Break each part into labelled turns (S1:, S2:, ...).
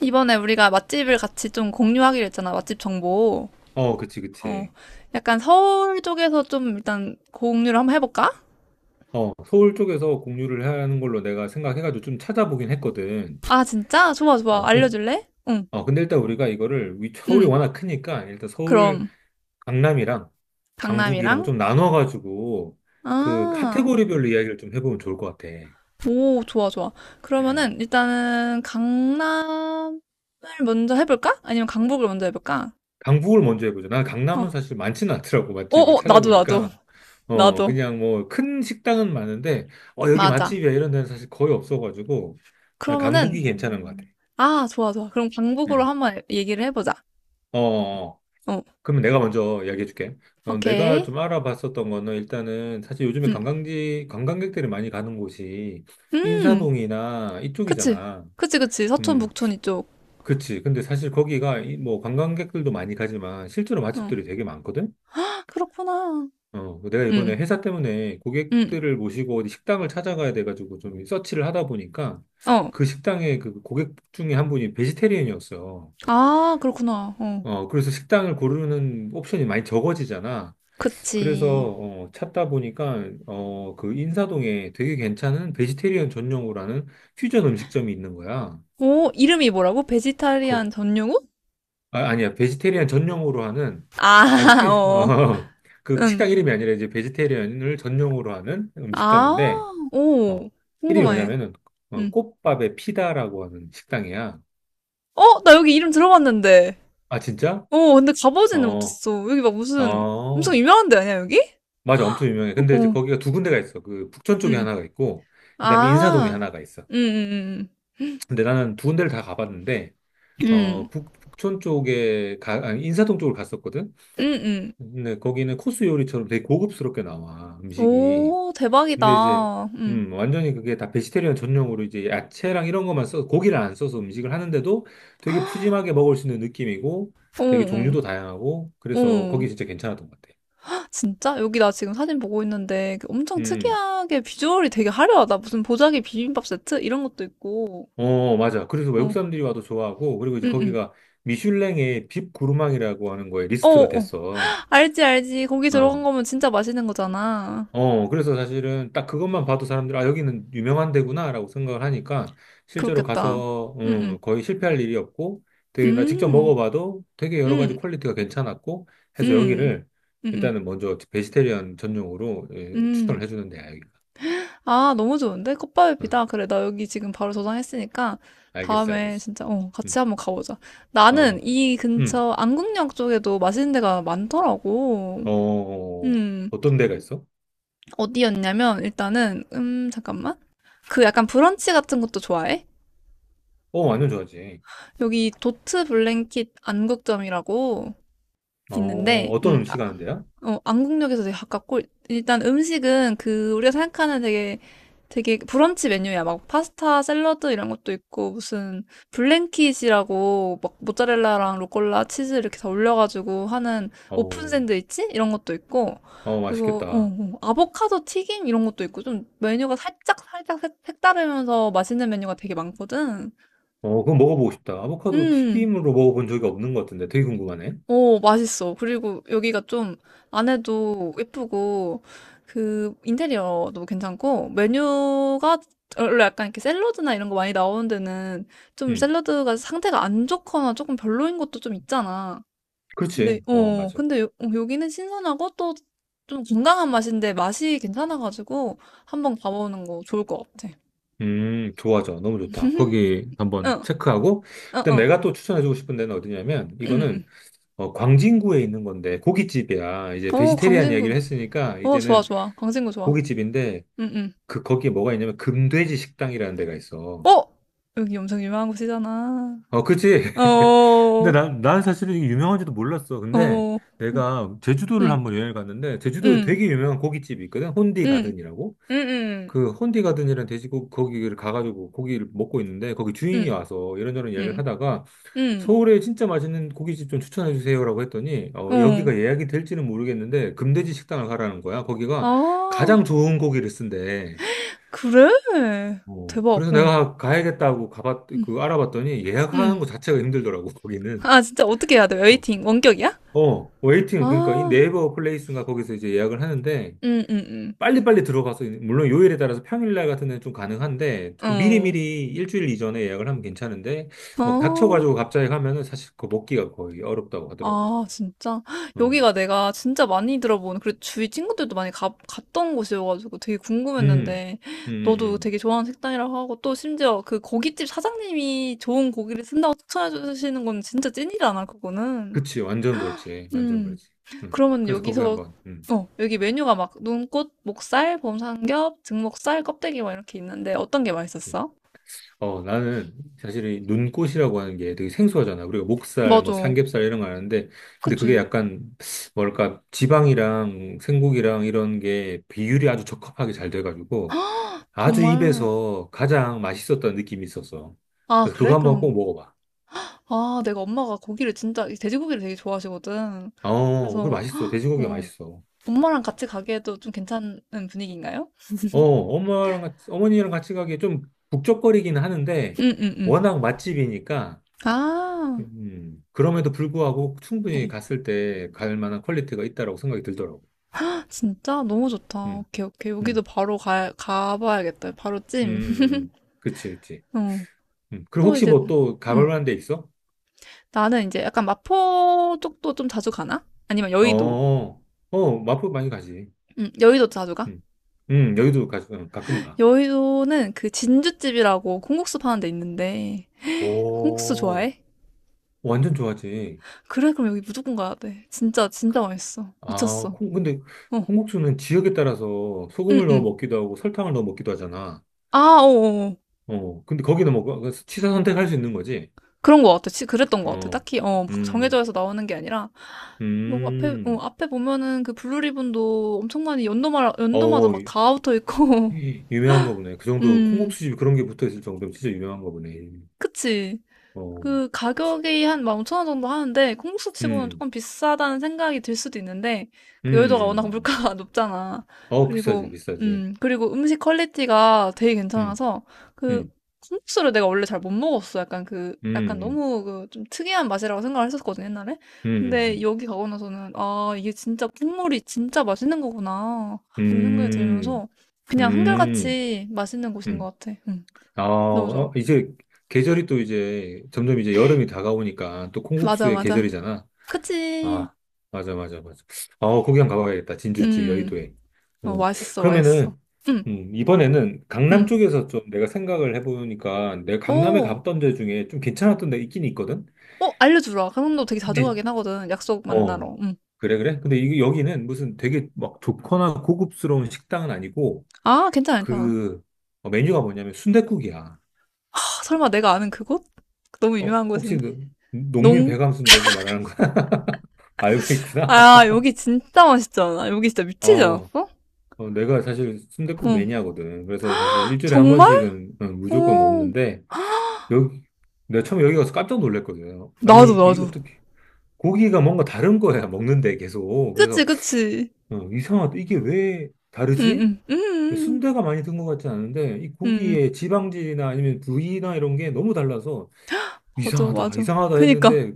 S1: 이번에 우리가 맛집을 같이 좀 공유하기로 했잖아, 맛집 정보.
S2: 어, 그치,
S1: 어,
S2: 그치.
S1: 약간 서울 쪽에서 좀 일단 공유를 한번 해볼까?
S2: 서울 쪽에서 공유를 하는 걸로 내가 생각해가지고 좀 찾아보긴 했거든.
S1: 아, 진짜? 좋아, 좋아.
S2: 어, 그,
S1: 알려줄래? 응,
S2: 근데 일단 우리가 이거를, 서울이
S1: 응.
S2: 워낙 크니까, 일단 서울,
S1: 그럼,
S2: 강남이랑 강북이랑
S1: 강남이랑?
S2: 좀 나눠가지고,
S1: 아,
S2: 카테고리별로 이야기를 좀 해보면 좋을 것 같아.
S1: 오, 좋아, 좋아.
S2: 음.
S1: 그러면은 일단은 강남을 먼저 해볼까? 아니면 강북을 먼저 해볼까?
S2: 강북을 먼저 해보자. 난 강남은
S1: 어,
S2: 사실 많지는 않더라고,
S1: 어,
S2: 맛집을
S1: 어, 나도, 나도,
S2: 찾아보니까.
S1: 나도.
S2: 그냥 뭐, 큰 식당은 많은데, 여기
S1: 맞아.
S2: 맛집이야, 이런 데는 사실 거의 없어가지고, 난 강북이
S1: 그러면은,
S2: 괜찮은 것 같아.
S1: 아, 좋아, 좋아. 그럼 강북으로
S2: 음.
S1: 한번 얘기를 해보자.
S2: 어, 어. 어.
S1: 어,
S2: 그러면 내가 먼저 이야기해 줄게. 내가
S1: 오케이.
S2: 좀 알아봤었던 거는 일단은 사실 요즘에
S1: 응,
S2: 관광지, 관광객들이 많이 가는 곳이
S1: 음, 음.
S2: 인사동이나
S1: 그치.
S2: 이쪽이잖아.
S1: 그치, 그치. 서촌,
S2: 음,
S1: 북촌 이쪽.
S2: 그치. 근데 사실 거기가 뭐 관광객들도 많이 가지만 실제로
S1: 어.
S2: 맛집들이 되게 많거든?
S1: 헉, 그렇구나.
S2: 내가 이번에
S1: 응,
S2: 회사 때문에
S1: 응.
S2: 고객들을 모시고 어디 식당을 찾아가야 돼가지고 좀 서치를 하다 보니까
S1: 어.
S2: 그 식당의 그 고객 중에 한 분이 베지테리언이었어.
S1: 아, 그렇구나. 어.
S2: 그래서 식당을 고르는 옵션이 많이 적어지잖아. 그래서
S1: 그치.
S2: 찾다 보니까 그 인사동에 되게 괜찮은 베지테리언 전용으로 하는 퓨전 음식점이 있는 거야.
S1: 오, 이름이 뭐라고?
S2: 그,
S1: 베지타리안 전용우?
S2: 아, 니야 베지테리언 전용으로 하는
S1: 아,
S2: 아주 퓨,
S1: 어.
S2: 어, 그 식당
S1: 응.
S2: 이름이 아니라 이제 베지테리언을 전용으로 하는
S1: 아,
S2: 음식점인데 어,
S1: 오.
S2: 이름이
S1: 궁금해.
S2: 뭐냐면은
S1: 응.
S2: 꽃밥의 피다라고 하는 식당이야.
S1: 어, 나 여기 이름 들어봤는데.
S2: 아 진짜?
S1: 어, 근데 가보지는
S2: 어,
S1: 못했어. 여기 막 무슨 엄청
S2: 어,
S1: 유명한 데 아니야, 여기?
S2: 맞아, 엄청 유명해. 근데 이제
S1: 어.
S2: 거기가 두 군데가 있어. 그 북촌 쪽에
S1: 응.
S2: 하나가 있고 그다음에 인사동에
S1: 아.
S2: 하나가 있어.
S1: 응, 응,
S2: 근데 나는 두 군데를 다 가봤는데,
S1: 응. 응.
S2: 북촌 쪽에, 아니, 인사동 쪽으로 갔었거든?
S1: 응, 응.
S2: 근데 거기는 코스 요리처럼 되게 고급스럽게 나와, 음식이.
S1: 오,
S2: 근데 이제,
S1: 대박이다. 응.
S2: 완전히 그게 다 베지테리언 전용으로 이제 야채랑 이런 것만 써서, 고기를 안 써서 음식을 하는데도 되게 푸짐하게 먹을 수 있는 느낌이고,
S1: 응,
S2: 되게
S1: 응,
S2: 종류도 다양하고, 그래서 거기
S1: 응.
S2: 진짜 괜찮았던 것 같아.
S1: 진짜? 여기 나 지금 사진 보고 있는데 그 엄청
S2: 음,
S1: 특이하게 비주얼이 되게 화려하다. 무슨 보자기 비빔밥 세트? 이런 것도 있고.
S2: 어, 맞아. 그래서 외국
S1: 어,
S2: 사람들이 와도 좋아하고, 그리고 이제
S1: 응, 응.
S2: 거기가 미슐랭의 빕 구르망이라고 하는 거에
S1: 어,
S2: 리스트가
S1: 어.
S2: 됐어.
S1: 알지, 알지. 고기 들어간
S2: 어.
S1: 거면 진짜 맛있는 거잖아.
S2: 그래서 사실은 딱 그것만 봐도 사람들, 아, 여기는 유명한 데구나라고 생각을 하니까 실제로
S1: 그렇겠다.
S2: 가서,
S1: 응, 응.
S2: 거의 실패할 일이 없고 되게 나 직접
S1: 음,
S2: 먹어봐도 되게 여러 가지
S1: 음,
S2: 퀄리티가 괜찮았고 해서
S1: 음,
S2: 여기를
S1: 음, 음,
S2: 일단은 먼저 베지테리언 전용으로 예, 추천을
S1: 음.
S2: 해주는 데야, 여기가.
S1: 아, 너무 좋은데? 꽃밥위피
S2: 응,
S1: 다 그래, 나 여기 지금 바로 저장했으니까
S2: 알겠어,
S1: 다음에
S2: 알겠어.
S1: 진짜, 어, 같이 한번 가보자.
S2: 응,
S1: 나는 이
S2: 음,
S1: 근처 안국역 쪽에도 맛있는 데가 많더라고.
S2: 어,
S1: 음,
S2: 어떤 데가 있어?
S1: 어디였냐면 일단은, 잠깐만. 그 약간 브런치 같은 것도 좋아해?
S2: 완전 좋아하지.
S1: 여기 도트 블랭킷 안국점이라고
S2: 어,
S1: 있는데,
S2: 어떤 음식 하는 데야?
S1: 안국역에서 되게 가깝고, 일단 음식은 그, 우리가 생각하는 되게, 되게 브런치 메뉴야. 막 파스타, 샐러드 이런 것도 있고, 무슨 블랭킷이라고, 막 모짜렐라랑 로꼴라, 치즈 이렇게 다 올려가지고 하는 오픈
S2: 어,
S1: 샌드위치? 이런 것도 있고, 그리고,
S2: 맛있겠다.
S1: 아보카도 튀김 이런 것도 있고, 좀 메뉴가 살짝, 살짝 색다르면서 맛있는 메뉴가 되게 많거든.
S2: 그거 먹어보고 싶다. 아보카도
S1: 음.
S2: 튀김으로 먹어본 적이 없는 것 같은데 되게 궁금하네.
S1: 오, 맛있어. 그리고 여기가 좀 안에도 예쁘고, 그 인테리어도 괜찮고, 메뉴가 원래 약간 이렇게 샐러드나 이런 거 많이 나오는 데는 좀
S2: 음,
S1: 샐러드가 상태가 안 좋거나 조금 별로인 것도 좀 있잖아. 근데,
S2: 그렇지. 어,
S1: 어,
S2: 맞아.
S1: 근데 여기는 신선하고 또 좀 건강한 맛인데 맛이 괜찮아가지고 한번 가보는 거 좋을 것 같아.
S2: 좋아, 져 너무 좋다. 거기 한번
S1: 응,
S2: 체크하고.
S1: 응,
S2: 그다음
S1: 응,
S2: 내가 또 추천해주고 싶은 데는 어디냐면
S1: 응,
S2: 이거는 광진구에 있는 건데 고깃집이야. 이제
S1: 응. 어,
S2: 베지테리안
S1: 광진구.
S2: 이야기를 했으니까
S1: 어, 좋아,
S2: 이제는
S1: 좋아. 광진구 좋아.
S2: 고깃집인데
S1: 응, 응.
S2: 그 거기에 뭐가 있냐면 금돼지 식당이라는 데가 있어.
S1: 어? 여기 엄청 유명한 곳이잖아.
S2: 어, 그치.
S1: 어,
S2: 근데
S1: 어,
S2: 난 사실은 이게 유명한지도 몰랐어. 근데
S1: 응,
S2: 내가 제주도를
S1: 응,
S2: 한번 여행을 갔는데, 제주도에
S1: 응,
S2: 되게 유명한 고깃집이 있거든. 혼디
S1: 응,
S2: 가든이라고.
S1: 응,
S2: 그 혼디 가든이라는 돼지고기, 거기를 가가지고 고기를 먹고 있는데, 거기 주인이 와서 이런저런 얘기를
S1: 응,
S2: 하다가,
S1: 응,
S2: 서울에 진짜 맛있는 고깃집 좀 추천해주세요라고 했더니,
S1: 응,
S2: 여기가 예약이 될지는 모르겠는데, 금돼지 식당을 가라는 거야.
S1: 어.
S2: 거기가 가장
S1: 아,
S2: 좋은 고기를 쓴대.
S1: 그래? 대박,
S2: 그래서
S1: 응,
S2: 내가 가야겠다고 가봤,
S1: 응,
S2: 그 알아봤더니 예약하는
S1: 응.
S2: 거 자체가 힘들더라고, 거기는.
S1: 아, 진짜 어떻게 해야 돼?
S2: 어,
S1: 웨이팅, 원격이야?
S2: 웨이팅, 그러니까 이
S1: 아,
S2: 네이버 플레이스인가 거기서 이제 예약을 하는데,
S1: 응, 응,
S2: 빨리빨리 들어가서, 물론 요일에 따라서 평일날 같은 데는 좀 가능한데,
S1: 응, 어,
S2: 미리미리 일주일 이전에 예약을 하면 괜찮은데, 뭐
S1: 어.
S2: 닥쳐가지고 갑자기 가면은 사실 그거 먹기가 거의 어렵다고 하더라고.
S1: 아, 진짜?
S2: 음,
S1: 여기가 내가 진짜 많이 들어본, 그리고 주위 친구들도 많이 갔던 곳이어가지고 되게
S2: 음,
S1: 궁금했는데, 너도
S2: 음.
S1: 되게 좋아하는 식당이라고 하고, 또 심지어 그 고깃집 사장님이 좋은 고기를 쓴다고 추천해 주시는 건 진짜 찐이잖아, 그거는.
S2: 그치, 완전 그렇지, 완전
S1: 음,
S2: 그렇지.
S1: 그러면
S2: 그래서 거기
S1: 여기서,
S2: 한번,
S1: 어, 여기 메뉴가 막 눈꽃, 목살, 봄삼겹, 등목살, 껍데기 막 이렇게 있는데, 어떤 게
S2: 음.
S1: 맛있었어?
S2: 나는 사실 이 눈꽃이라고 하는 게 되게 생소하잖아. 우리가 목살, 뭐
S1: 맞아.
S2: 삼겹살 이런 거 아는데, 근데 그게
S1: 그치?
S2: 약간, 뭐랄까, 지방이랑 생고기랑 이런 게 비율이 아주 적합하게 잘 돼가지고, 아주
S1: 정말.
S2: 입에서 가장 맛있었던 느낌이 있었어.
S1: 아,
S2: 그래서
S1: 그래?
S2: 그거 한번 꼭
S1: 그럼
S2: 먹어봐.
S1: 아 내가 엄마가 고기를 진짜 이 돼지고기를 되게 좋아하시거든.
S2: 그래
S1: 그래서
S2: 맛있어. 돼지고기가
S1: 어,
S2: 맛있어.
S1: 엄마랑 같이 가기에도 좀 괜찮은 분위기인가요?
S2: 엄마랑 같이, 어머니랑 같이 가기에 좀 북적거리긴 하는데,
S1: 응, 응, 응.
S2: 워낙 맛집이니까,
S1: 아,
S2: 그럼에도 불구하고 충분히 갔을 때 갈 만한 퀄리티가 있다라고 생각이 들더라고.
S1: 진짜 너무 좋다.
S2: 음,
S1: 오케이, 오케이. 여기도
S2: 음,
S1: 바로 가봐야겠다. 바로
S2: 음,
S1: 찜.
S2: 음. 음. 그치, 그치.
S1: 어,
S2: 그럼
S1: 또
S2: 혹시
S1: 이제,
S2: 뭐 또 가볼
S1: 음,
S2: 만한 데 있어?
S1: 나는 이제 약간 마포 쪽도 좀 자주 가나? 아니면
S2: 어,
S1: 여의도.
S2: 어, 마포 많이 가지.
S1: 여의도 자주 가?
S2: 음, 여기도 응, 가끔 가.
S1: 여의도는 그 진주집이라고 콩국수 파는 데 있는데, 콩국수
S2: 오,
S1: 좋아해?
S2: 완전 좋아하지.
S1: 그래, 그럼 여기 무조건 가야 돼. 진짜, 진짜 맛있어.
S2: 아,
S1: 미쳤어.
S2: 근데
S1: 어,
S2: 콩국수는 지역에 따라서
S1: 응,
S2: 소금을 넣어
S1: 응.
S2: 먹기도 하고 설탕을 넣어 먹기도 하잖아.
S1: 아, 어, 어, 어.
S2: 근데 거기는 뭐 취사 선택할 수 있는 거지.
S1: 그런 거 같아. 그랬던 거 같아.
S2: 어,
S1: 딱히, 어, 막 정해져
S2: 음,
S1: 해서 나오는 게 아니라, 뭐,
S2: 음.
S1: 앞에 보면은 그 블루리본도 엄청 많이 연도마다
S2: 어,
S1: 막 다 붙어 있고,
S2: 유명한가 보네. 그 정도
S1: 음,
S2: 콩국수집 그런 게 붙어 있을 정도면 진짜 유명한가 보네.
S1: 그치.
S2: 어,
S1: 그 가격이 한 15,000원 정도 하는데 콩국수 치고는
S2: 음,
S1: 조금 비싸다는 생각이 들 수도 있는데 그 여의도가 워낙
S2: 음, 음.
S1: 물가가 높잖아.
S2: 비싸지,
S1: 그리고
S2: 비싸지.
S1: 그리고 음식 퀄리티가 되게
S2: 음,
S1: 괜찮아서 그
S2: 음,
S1: 콩국수를 내가 원래 잘 못 먹었어. 약간 그 약간
S2: 음, 음,
S1: 너무 그 좀 특이한 맛이라고 생각을 했었거든 옛날에. 근데
S2: 음,
S1: 여기 가고 나서는 아 이게 진짜 국물이 진짜 맛있는 거구나 이런 생각이
S2: 음,
S1: 들면서 그냥
S2: 음, 음,
S1: 한결같이 맛있는 곳인
S2: 음.
S1: 것 같아.
S2: 아,
S1: 너무 좋아.
S2: 이제 계절이 또 이제 점점 이제 여름이 다가오니까 또
S1: 맞아
S2: 콩국수의
S1: 맞아.
S2: 계절이잖아.
S1: 그치.
S2: 아, 맞아, 맞아, 맞아. 아, 거기 한번 가봐야겠다. 진주집
S1: 음,
S2: 여의도에.
S1: 어,
S2: 어,
S1: 맛있어, 맛있어.
S2: 그러면은,
S1: 응,
S2: 이번에는 강남
S1: 응.
S2: 쪽에서 좀 내가 생각을 해보니까 내가 강남에
S1: 오,
S2: 갔던 데 중에 좀 괜찮았던 데가 있긴 있거든?
S1: 어, 알려주라. 강원도 되게 자주
S2: 근데,
S1: 가긴 하거든. 약속
S2: 어,
S1: 만나러. 응.
S2: 그래, 그래? 근데 여기는 무슨 되게 막 좋거나 고급스러운 식당은 아니고
S1: 아, 괜찮아, 괜찮아.
S2: 그 메뉴가 뭐냐면 순댓국이야
S1: 아 설마 내가 아는 그곳? 너무
S2: 어,
S1: 유명한
S2: 혹시
S1: 곳인데?
S2: 그 농민
S1: 농?
S2: 배감 순댓국 말하는 거 알고 있구나.
S1: 아, 여기 진짜 맛있지 않아? 여기 진짜 미치지
S2: 어,
S1: 않았어?
S2: 내가 사실 순댓국
S1: 응.
S2: 매니아거든. 그래서 사실 일주일에 한
S1: 정말?
S2: 번씩은 무조건
S1: 오,
S2: 먹는데, 여기, 내가 처음에 여기 가서 깜짝 놀랐거든요. 아니,
S1: 나도,
S2: 이
S1: 나도.
S2: 어떻게, 고기가 뭔가 다른 거야, 먹는데 계속.
S1: 그치,
S2: 그래서,
S1: 그치.
S2: 이상하다. 이게 왜 다르지?
S1: 응, 응, 응,
S2: 순대가 많이 든 것 같지 않은데, 이
S1: 응, 응.
S2: 고기의 지방질이나 아니면 부위나 이런 게 너무 달라서,
S1: 맞아,
S2: 이상하다,
S1: 맞아.
S2: 이상하다
S1: 그니까.
S2: 했는데,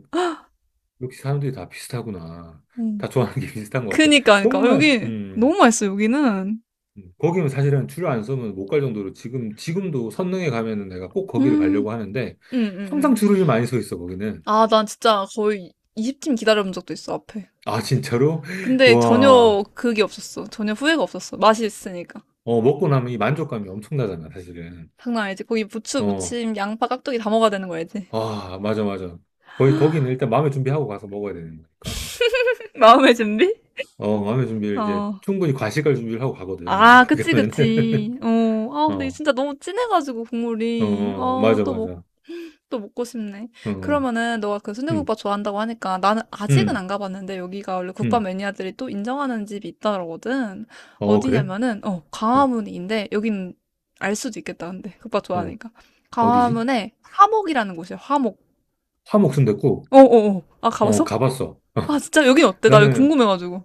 S2: 역시 사람들이 다 비슷하구나.
S1: 응.
S2: 다 좋아하는 게 비슷한 것 같아.
S1: 그니까, 그니까.
S2: 정말,
S1: 여기 너무 맛있어, 여기는.
S2: 거기는 사실은 줄을 안 서면 못 갈 정도로 지금, 지금도 선릉에 가면은 내가 꼭 거기를
S1: 음,
S2: 가려고 하는데
S1: 응, 응, 응.
S2: 항상 줄을 많이 서 있어, 거기는.
S1: 아, 난 진짜 거의 20팀 기다려본 적도 있어, 앞에.
S2: 아, 진짜로?
S1: 근데
S2: 와,
S1: 전혀 그게 없었어. 전혀 후회가 없었어. 맛이 있으니까.
S2: 먹고 나면 이 만족감이 엄청나잖아, 사실은.
S1: 장난 아니지. 거기 부추,
S2: 어,
S1: 무침, 양파, 깍두기 다 먹어야 되는 거 알지?
S2: 아, 맞아, 맞아. 거의 거기는 일단 마음의 준비하고 가서 먹어야 되는 거니까.
S1: 마음의 준비?
S2: 마음의 준비를 이제
S1: 어.
S2: 충분히 과식할 준비를 하고 가거든, 나는
S1: 아,
S2: 거기
S1: 그치,
S2: 가면은.
S1: 그치. 어. 아, 근데
S2: 어,
S1: 진짜 너무 진해가지고, 국물이. 아,
S2: 맞아,
S1: 또 먹고.
S2: 맞아.
S1: 또 먹고 싶네.
S2: 응,
S1: 그러면은 너가 그
S2: 응,
S1: 순대국밥 좋아한다고 하니까 나는 아직은
S2: 응,
S1: 안 가봤는데 여기가 원래 국밥
S2: 응.
S1: 매니아들이 또 인정하는 집이 있다거든.
S2: 어, 그래?
S1: 어디냐면은 어
S2: 응,
S1: 광화문인데 여긴 알 수도 있겠다 근데 국밥
S2: 어,
S1: 좋아하니까
S2: 어디지?
S1: 광화문에 화목이라는 곳이야. 화목.
S2: 화목순댓국.
S1: 어어어. 아
S2: 어,
S1: 가봤어?
S2: 가봤어.
S1: 아 진짜 여긴 어때? 나 여기
S2: 나는,
S1: 궁금해가지고.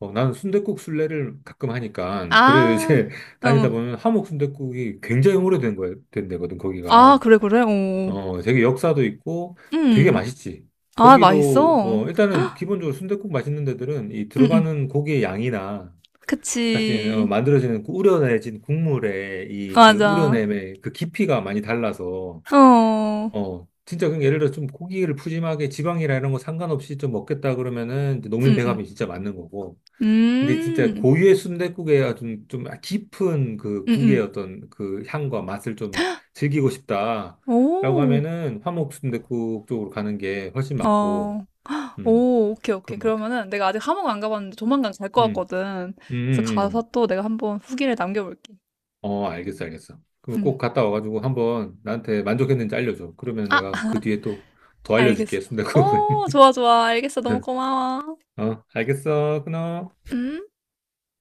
S2: 나는 순댓국 순례를 가끔 하니까, 그래
S1: 아,
S2: 이제 다니다
S1: 어.
S2: 보면 함옥 순댓국이 굉장히 오래된 거야, 된 데거든,
S1: 아
S2: 거기가.
S1: 그래 그래. 어. 어.
S2: 되게 역사도 있고 되게
S1: 음.
S2: 맛있지.
S1: 아
S2: 거기도,
S1: 맛있어.
S2: 일단은 기본적으로 순댓국 맛있는 데들은 이
S1: 음 음.
S2: 들어가는 고기의 양이나 사실,
S1: 그치.
S2: 만들어지는 그 우려내진 국물의 이 그
S1: 맞아.
S2: 우려냄의 그 깊이가 많이 달라서
S1: 어.
S2: 진짜 그 예를 들어 좀 고기를 푸짐하게 지방이라 이런 거 상관없이 좀 먹겠다 그러면은 이제 농민
S1: 응, 응.
S2: 배합이 진짜 맞는 거고. 근데 진짜
S1: 음.
S2: 고유의 순댓국에 좀 깊은 그 국의
S1: 음음.
S2: 어떤 그 향과 맛을 좀 즐기고 싶다라고
S1: 오.
S2: 하면은 화목 순댓국 쪽으로 가는 게 훨씬 맞고,
S1: 어.
S2: 음,
S1: 오 오케이, 오케이.
S2: 그런 것 같아.
S1: 그러면은 내가 아직 하모안 가봤는데 조만간 갈 것
S2: 음,
S1: 같거든.
S2: 음,
S1: 그래서
S2: 음,
S1: 가서
S2: 음.
S1: 또 내가 한번 후기를 남겨볼게.
S2: 어, 알겠어, 알겠어. 그럼
S1: 음.
S2: 꼭 갔다 와가지고 한번 나한테 만족했는지 알려줘. 그러면 내가
S1: 아
S2: 그 뒤에 또 더 알려줄게,
S1: 알겠어.
S2: 순댓국은.
S1: 오 좋아, 좋아. 알겠어. 너무 고마워.
S2: 어, 알겠어, 끊어.
S1: 음.